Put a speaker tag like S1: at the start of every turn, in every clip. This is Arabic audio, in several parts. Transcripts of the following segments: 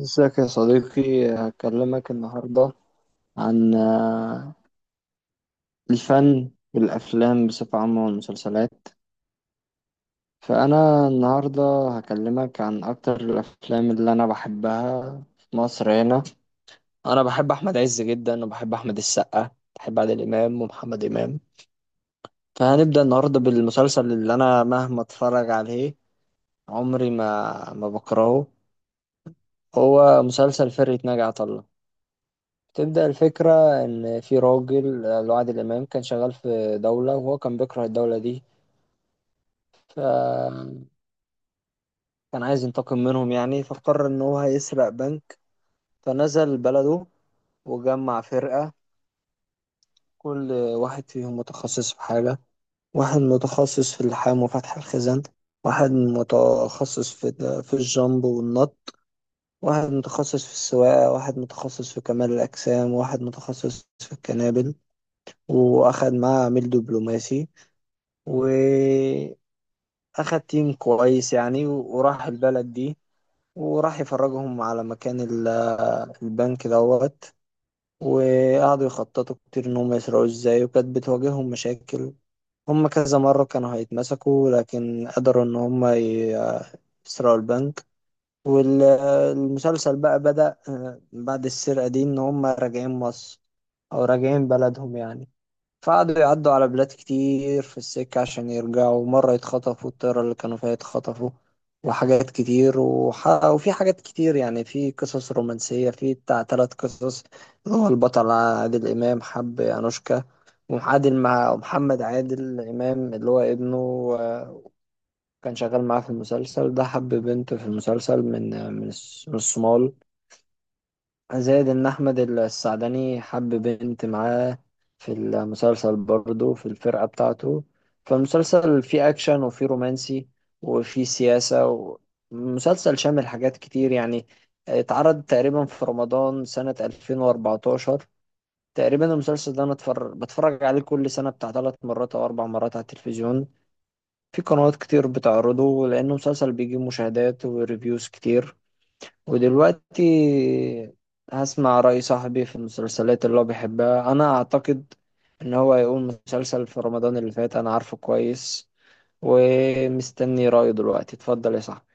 S1: ازيك يا صديقي؟ هكلمك النهاردة عن الفن والأفلام بصفة عامة والمسلسلات. فأنا النهاردة هكلمك عن أكتر الأفلام اللي أنا بحبها في مصر هنا. أنا بحب أحمد عز جدا وبحب أحمد السقا، بحب عادل إمام ومحمد إمام. فهنبدأ النهاردة بالمسلسل اللي أنا مهما أتفرج عليه عمري ما بكرهه، هو مسلسل فرقة ناجي عطا الله. بتبدأ الفكرة إن في راجل، اللي هو عادل إمام، كان شغال في دولة وهو كان بيكره الدولة دي، فكان عايز ينتقم منهم يعني، فقرر إن هو هيسرق بنك. فنزل بلده وجمع فرقة، كل واحد فيهم متخصص في حاجة. واحد متخصص في اللحام وفتح الخزان، واحد متخصص في الجامب والنط، واحد متخصص في السواقة، واحد متخصص في كمال الأجسام، واحد متخصص في الكنابل، وأخد معاه عميل دبلوماسي. واخد تيم كويس يعني، وراح البلد دي وراح يفرجهم على مكان البنك دوت. وقعدوا يخططوا كتير ان هم يسرقوا ازاي، وكانت بتواجههم مشاكل. هم كذا مرة كانوا هيتمسكوا، لكن قدروا ان يسرقوا البنك. والمسلسل بقى بدأ بعد السرقة دي ان هم راجعين مصر، او راجعين بلدهم يعني. فقعدوا يعدوا على بلاد كتير في السكة عشان يرجعوا، مرة يتخطفوا الطيارة اللي كانوا فيها يتخطفوا، وحاجات كتير وفي حاجات كتير يعني. في قصص رومانسية، في بتاع تلات قصص. اللي هو البطل عادل إمام حب أنوشكا، وعادل مع محمد عادل إمام اللي هو ابنه، آه، كان شغال معاه في المسلسل ده، حب بنت في المسلسل من، من الصومال. زائد ان احمد السعدني حب بنت معاه في المسلسل برضه في الفرقة بتاعته. فالمسلسل فيه اكشن وفيه رومانسي وفيه سياسة، ومسلسل شامل حاجات كتير يعني. اتعرض تقريبا في رمضان سنة 2014 تقريبا. المسلسل ده انا بتفرج عليه كل سنة بتاع ثلاث مرات او اربع مرات على التلفزيون، في قنوات كتير بتعرضه لانه مسلسل بيجيب مشاهدات وريفيوز كتير. ودلوقتي هسمع رأي صاحبي في المسلسلات اللي هو بيحبها. أنا أعتقد إن هو هيقول مسلسل في رمضان اللي فات أنا عارفه كويس، ومستني رأيه دلوقتي. اتفضل يا صاحبي.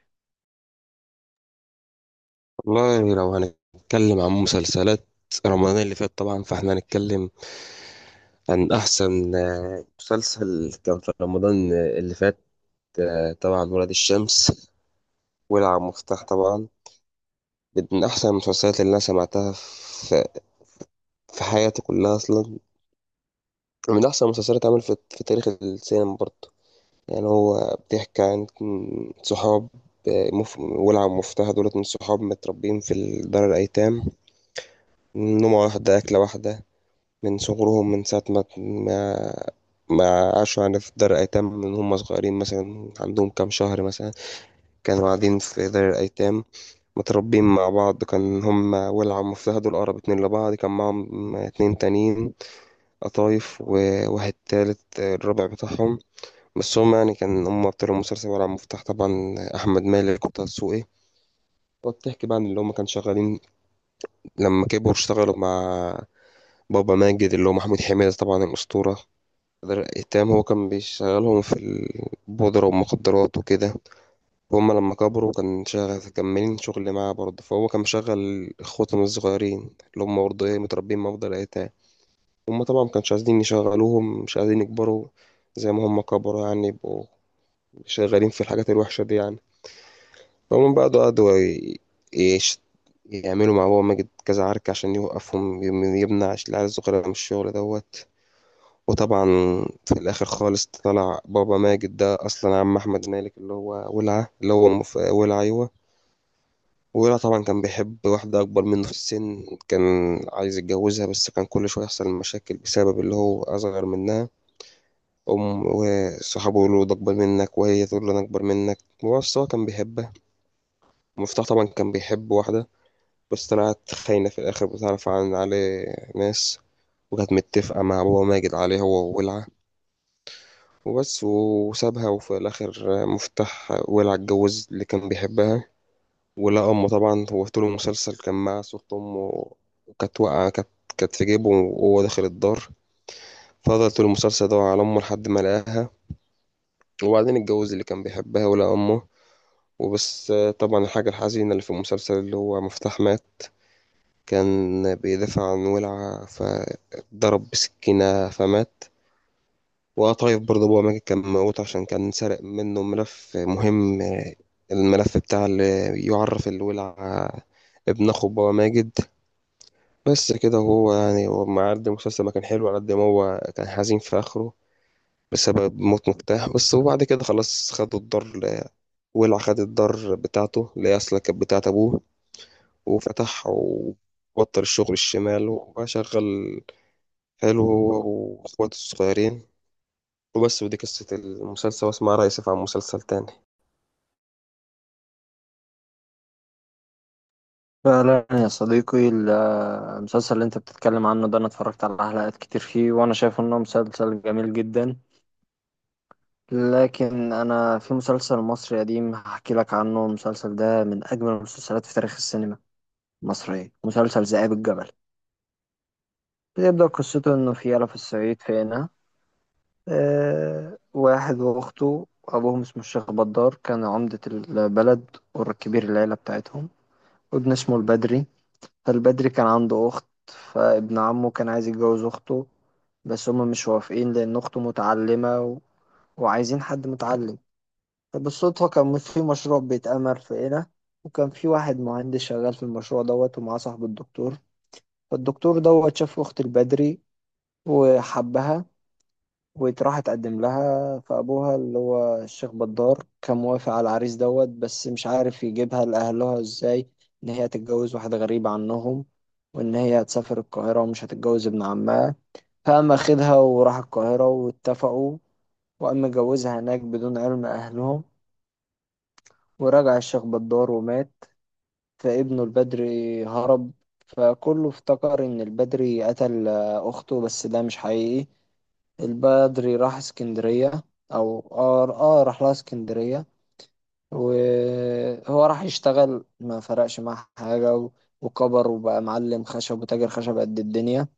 S2: والله لو هنتكلم عن مسلسلات رمضان اللي فات طبعا فاحنا هنتكلم عن أحسن مسلسل كان في رمضان اللي فات. طبعا ولاد الشمس، ولع مفتاح طبعا، من أحسن المسلسلات اللي أنا سمعتها في حياتي كلها أصلا. من أحسن المسلسلات اتعمل في تاريخ السينما برضه. يعني هو بيحكي عن صحاب. ولع ومفتاح دولت من صحاب متربيين في دار الأيتام، نومة واحدة أكلة واحدة، من صغرهم، من ساعة ما ما عاشوا، يعني في دار الأيتام من هم صغيرين، مثلا عندهم كام شهر مثلا كانوا قاعدين في دار الأيتام، متربين مع بعض. كان هم ولع ومفتهد والأقرب اتنين لبعض، كان معاهم اتنين تانيين، قطايف واحد تالت الرابع بتاعهم، بس هم يعني كان هم أبطال المسلسل ولع ومفتاح طبعا، أحمد مالك وطه دسوقي. وبتحكي بقى عن اللي هم كانوا شغالين لما كبروا، اشتغلوا مع بابا ماجد اللي هو محمود حميدة طبعا الأسطورة. التام هو كان بيشغلهم في البودرة والمخدرات وكده، وهم لما كبروا كان شغال كملين شغل معاه برضه. فهو كان مشغل اخواتهم الصغيرين اللي هم برضه ايه متربيين مع أفضل الأيتام. هم طبعا مكانش عايزين يشغلوهم، مش عايزين يكبروا زي ما هم كبروا، يعني يبقوا شغالين في الحاجات الوحشة دي يعني. فهم بقى قعدوا يش- يعملوا مع بابا ماجد كذا عركة عشان يوقفهم، يمنع العيال الصغيرة من الشغل دوت. وطبعا في الاخر خالص طلع بابا ماجد ده اصلا عم احمد مالك اللي هو ولعه، اللي هو ولع، ايوه. ولع طبعا كان بيحب واحده اكبر منه في السن، كان عايز يتجوزها، بس كان كل شويه يحصل مشاكل بسبب اللي هو اصغر منها، ام وصحابه يقولوا ده اكبر منك، وهي تقول له انا اكبر منك، بس هو كان بيحبها. مفتاح طبعا كان بيحب واحده بس طلعت خاينه في الاخر، بتعرف عن عليه ناس، وكانت متفقه مع بابا ماجد عليه هو وولعه. وبس، وسابها. وفي الآخر مفتاح ولع اتجوز اللي كان بيحبها ولقى أمه. طبعا هو طول المسلسل كان معاه صورة أمه، وكانت واقعة، كانت في جيبه وهو داخل الدار، فضل طول المسلسل يدور على أمه لحد ما لقاها. وبعدين اتجوز اللي كان بيحبها ولقى أمه. وبس. طبعا الحاجة الحزينة اللي في المسلسل، اللي هو مفتاح مات، كان بيدافع عن ولعة فضرب بسكينة فمات. وقطايف برضه أبوه ماجد كان موجود عشان كان سرق منه ملف مهم، الملف بتاع اللي يعرف الولع ابن أخو بابا ماجد. بس كده. هو يعني هو مع قد المسلسل ما كان حلو، على قد ما هو كان حزين في آخره بسبب موت مفتاح بس. وبعد كده خلاص خدوا الدار، ولع خد الدار بتاعته اللي هي أصلا كانت بتاعت أبوه، وفتح وبطل الشغل الشمال وبقى شغال حلو هو وإخواته الصغيرين. وبس، ودي قصة المسلسل. واسمع رأيي سيف عن مسلسل تاني.
S1: فعلا يا صديقي المسلسل اللي انت بتتكلم عنه ده انا اتفرجت على حلقات كتير فيه، وانا شايف انه مسلسل جميل جدا. لكن انا في مسلسل مصري قديم هحكي لك عنه، المسلسل ده من اجمل المسلسلات في تاريخ السينما المصرية، مسلسل ذئاب الجبل. بتبدأ قصته إنه في يلا في الصعيد في هنا آه، واحد وأخته أبوهم اسمه الشيخ بدار، كان عمدة البلد وكبير العيلة بتاعتهم، وابن اسمه البدري. فالبدري كان عنده أخت، فابن عمه كان عايز يتجوز أخته، بس هما مش موافقين لأن أخته متعلمة وعايزين حد متعلم. فبالصدفة كان في مشروع بيتعمل في هنا، وكان في واحد مهندس شغال في المشروع دوت ومعاه صاحب الدكتور. فالدكتور دوت شاف أخت البدري وحبها، وراح اتقدم لها. فابوها اللي هو الشيخ بدار كان موافق على العريس دوت، بس مش عارف يجيبها لاهلها ازاي، ان هي تتجوز واحد غريب عنهم، وان هي هتسافر القاهره ومش هتتجوز ابن عمها. فقام اخدها وراح القاهره واتفقوا، وقام مجوزها هناك بدون علم اهلهم. ورجع الشيخ بدار ومات، فابنه البدري هرب. فكله افتكر ان البدري قتل اخته، بس ده مش حقيقي. البدري راح اسكندرية، أو راح لها اسكندرية. وهو راح يشتغل ما فرقش معاه حاجة، وكبر وبقى معلم خشب وتاجر خشب قد الدنيا.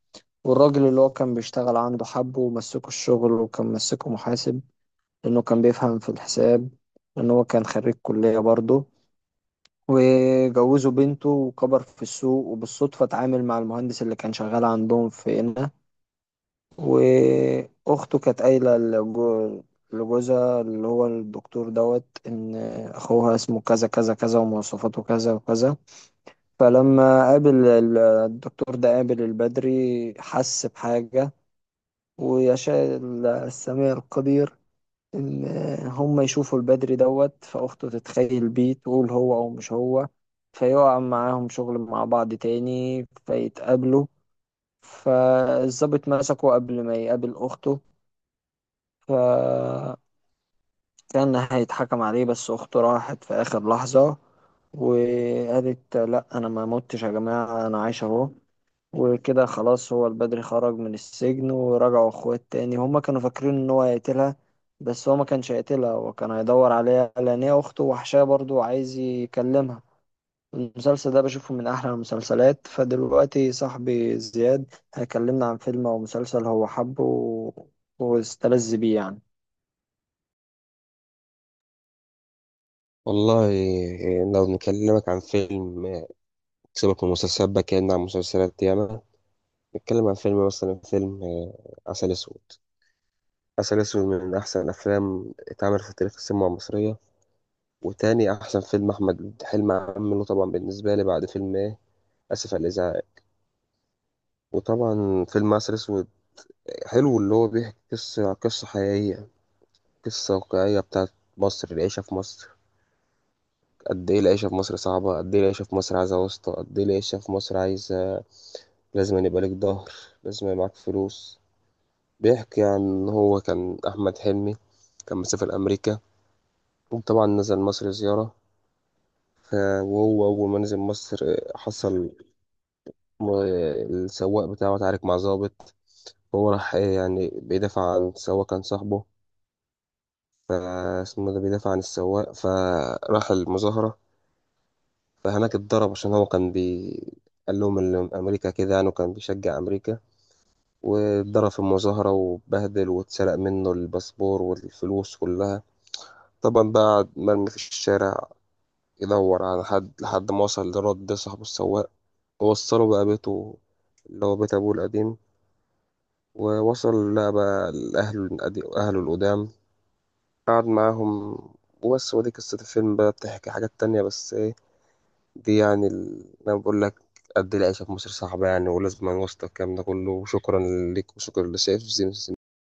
S1: والراجل اللي هو كان بيشتغل عنده حبه ومسكه الشغل، وكان مسكه محاسب لأنه كان بيفهم في الحساب، لأنه هو كان خريج كلية برضه. وجوزوا بنته وكبر في السوق، وبالصدفة اتعامل مع المهندس اللي كان شغال عندهم في هنا. واخته كانت قايله لجوزها اللي هو الدكتور دوت ان اخوها اسمه كذا كذا كذا ومواصفاته كذا وكذا. فلما قابل الدكتور ده قابل البدري حس بحاجه. ويشاء السميع القدير ان هم يشوفوا البدري دوت، فاخته تتخيل بيه تقول هو او مش هو. فيقع معاهم شغل مع بعض تاني فيتقابلوا. فالظابط مسكه قبل ما يقابل أخته، فكان هيتحكم عليه، بس أخته راحت في آخر لحظة وقالت لا أنا ما متش يا جماعة أنا عايش أهو. وكده خلاص هو البدري خرج من السجن ورجعوا أخوات تاني. هما كانوا فاكرين إن هو هيقتلها، بس هو ما كانش هيقتلها، هو كان هيدور عليها لأن هي أخته وحشاه برضه وعايز يكلمها. المسلسل ده بشوفه من أحلى المسلسلات. فدلوقتي صاحبي زياد هيكلمنا عن فيلم أو مسلسل هو حبه واستلذ بيه يعني.
S2: والله، لو نكلمك عن فيلم، سيبك من المسلسلات بقى، كأننا عن مسلسلات ياما، نتكلم عن فيلم. مثلا فيلم عسل أسود. عسل أسود من أحسن الأفلام اتعملت في تاريخ السينما المصرية، وتاني أحسن فيلم أحمد حلمي عمله طبعا بالنسبة لي بعد فيلم إيه، آسف على الإزعاج. وطبعا فيلم عسل أسود حلو، اللي هو بيحكي قصة حقيقية، قصة واقعية بتاعت مصر، العيشة في مصر، قد ايه العيشة في مصر صعبة، قد ايه العيشة في مصر عايزة واسطة، قد ايه العيشة في مصر عايزة، لازم أن يبقى لك ظهر، لازم يبقى معاك فلوس. بيحكي عن إن هو كان أحمد حلمي كان مسافر أمريكا، وطبعا نزل مصر زيارة. ف- وهو أول ما نزل مصر حصل السواق بتاعه اتعارك مع ظابط. هو راح يعني بيدافع عن السواق، كان صاحبه، فاسمه ده بيدافع عن السواق، فراح المظاهرة، فهناك اتضرب عشان هو كان بي، قال لهم إن أمريكا كده يعني، وكان بيشجع أمريكا، واتضرب في المظاهرة واتبهدل واتسرق منه الباسبور والفلوس كلها. طبعا بقى مرمي في الشارع، يدور على حد لحد ما وصل لرد ده صاحبه السواق، ووصله بقى بيته اللي هو بيت أبوه القديم. ووصل لقى بقى لأهله أهله القدام، قعد معاهم. وبس، ودي قصة الفيلم بقى، بتحكي حاجات تانية بس إيه، دي يعني ال... انا بقول لك قد العيشه في مصر صعبه يعني، ولازم نوصل الكلام ده كله. وشكرا ليك وشكرا لسيف. زين.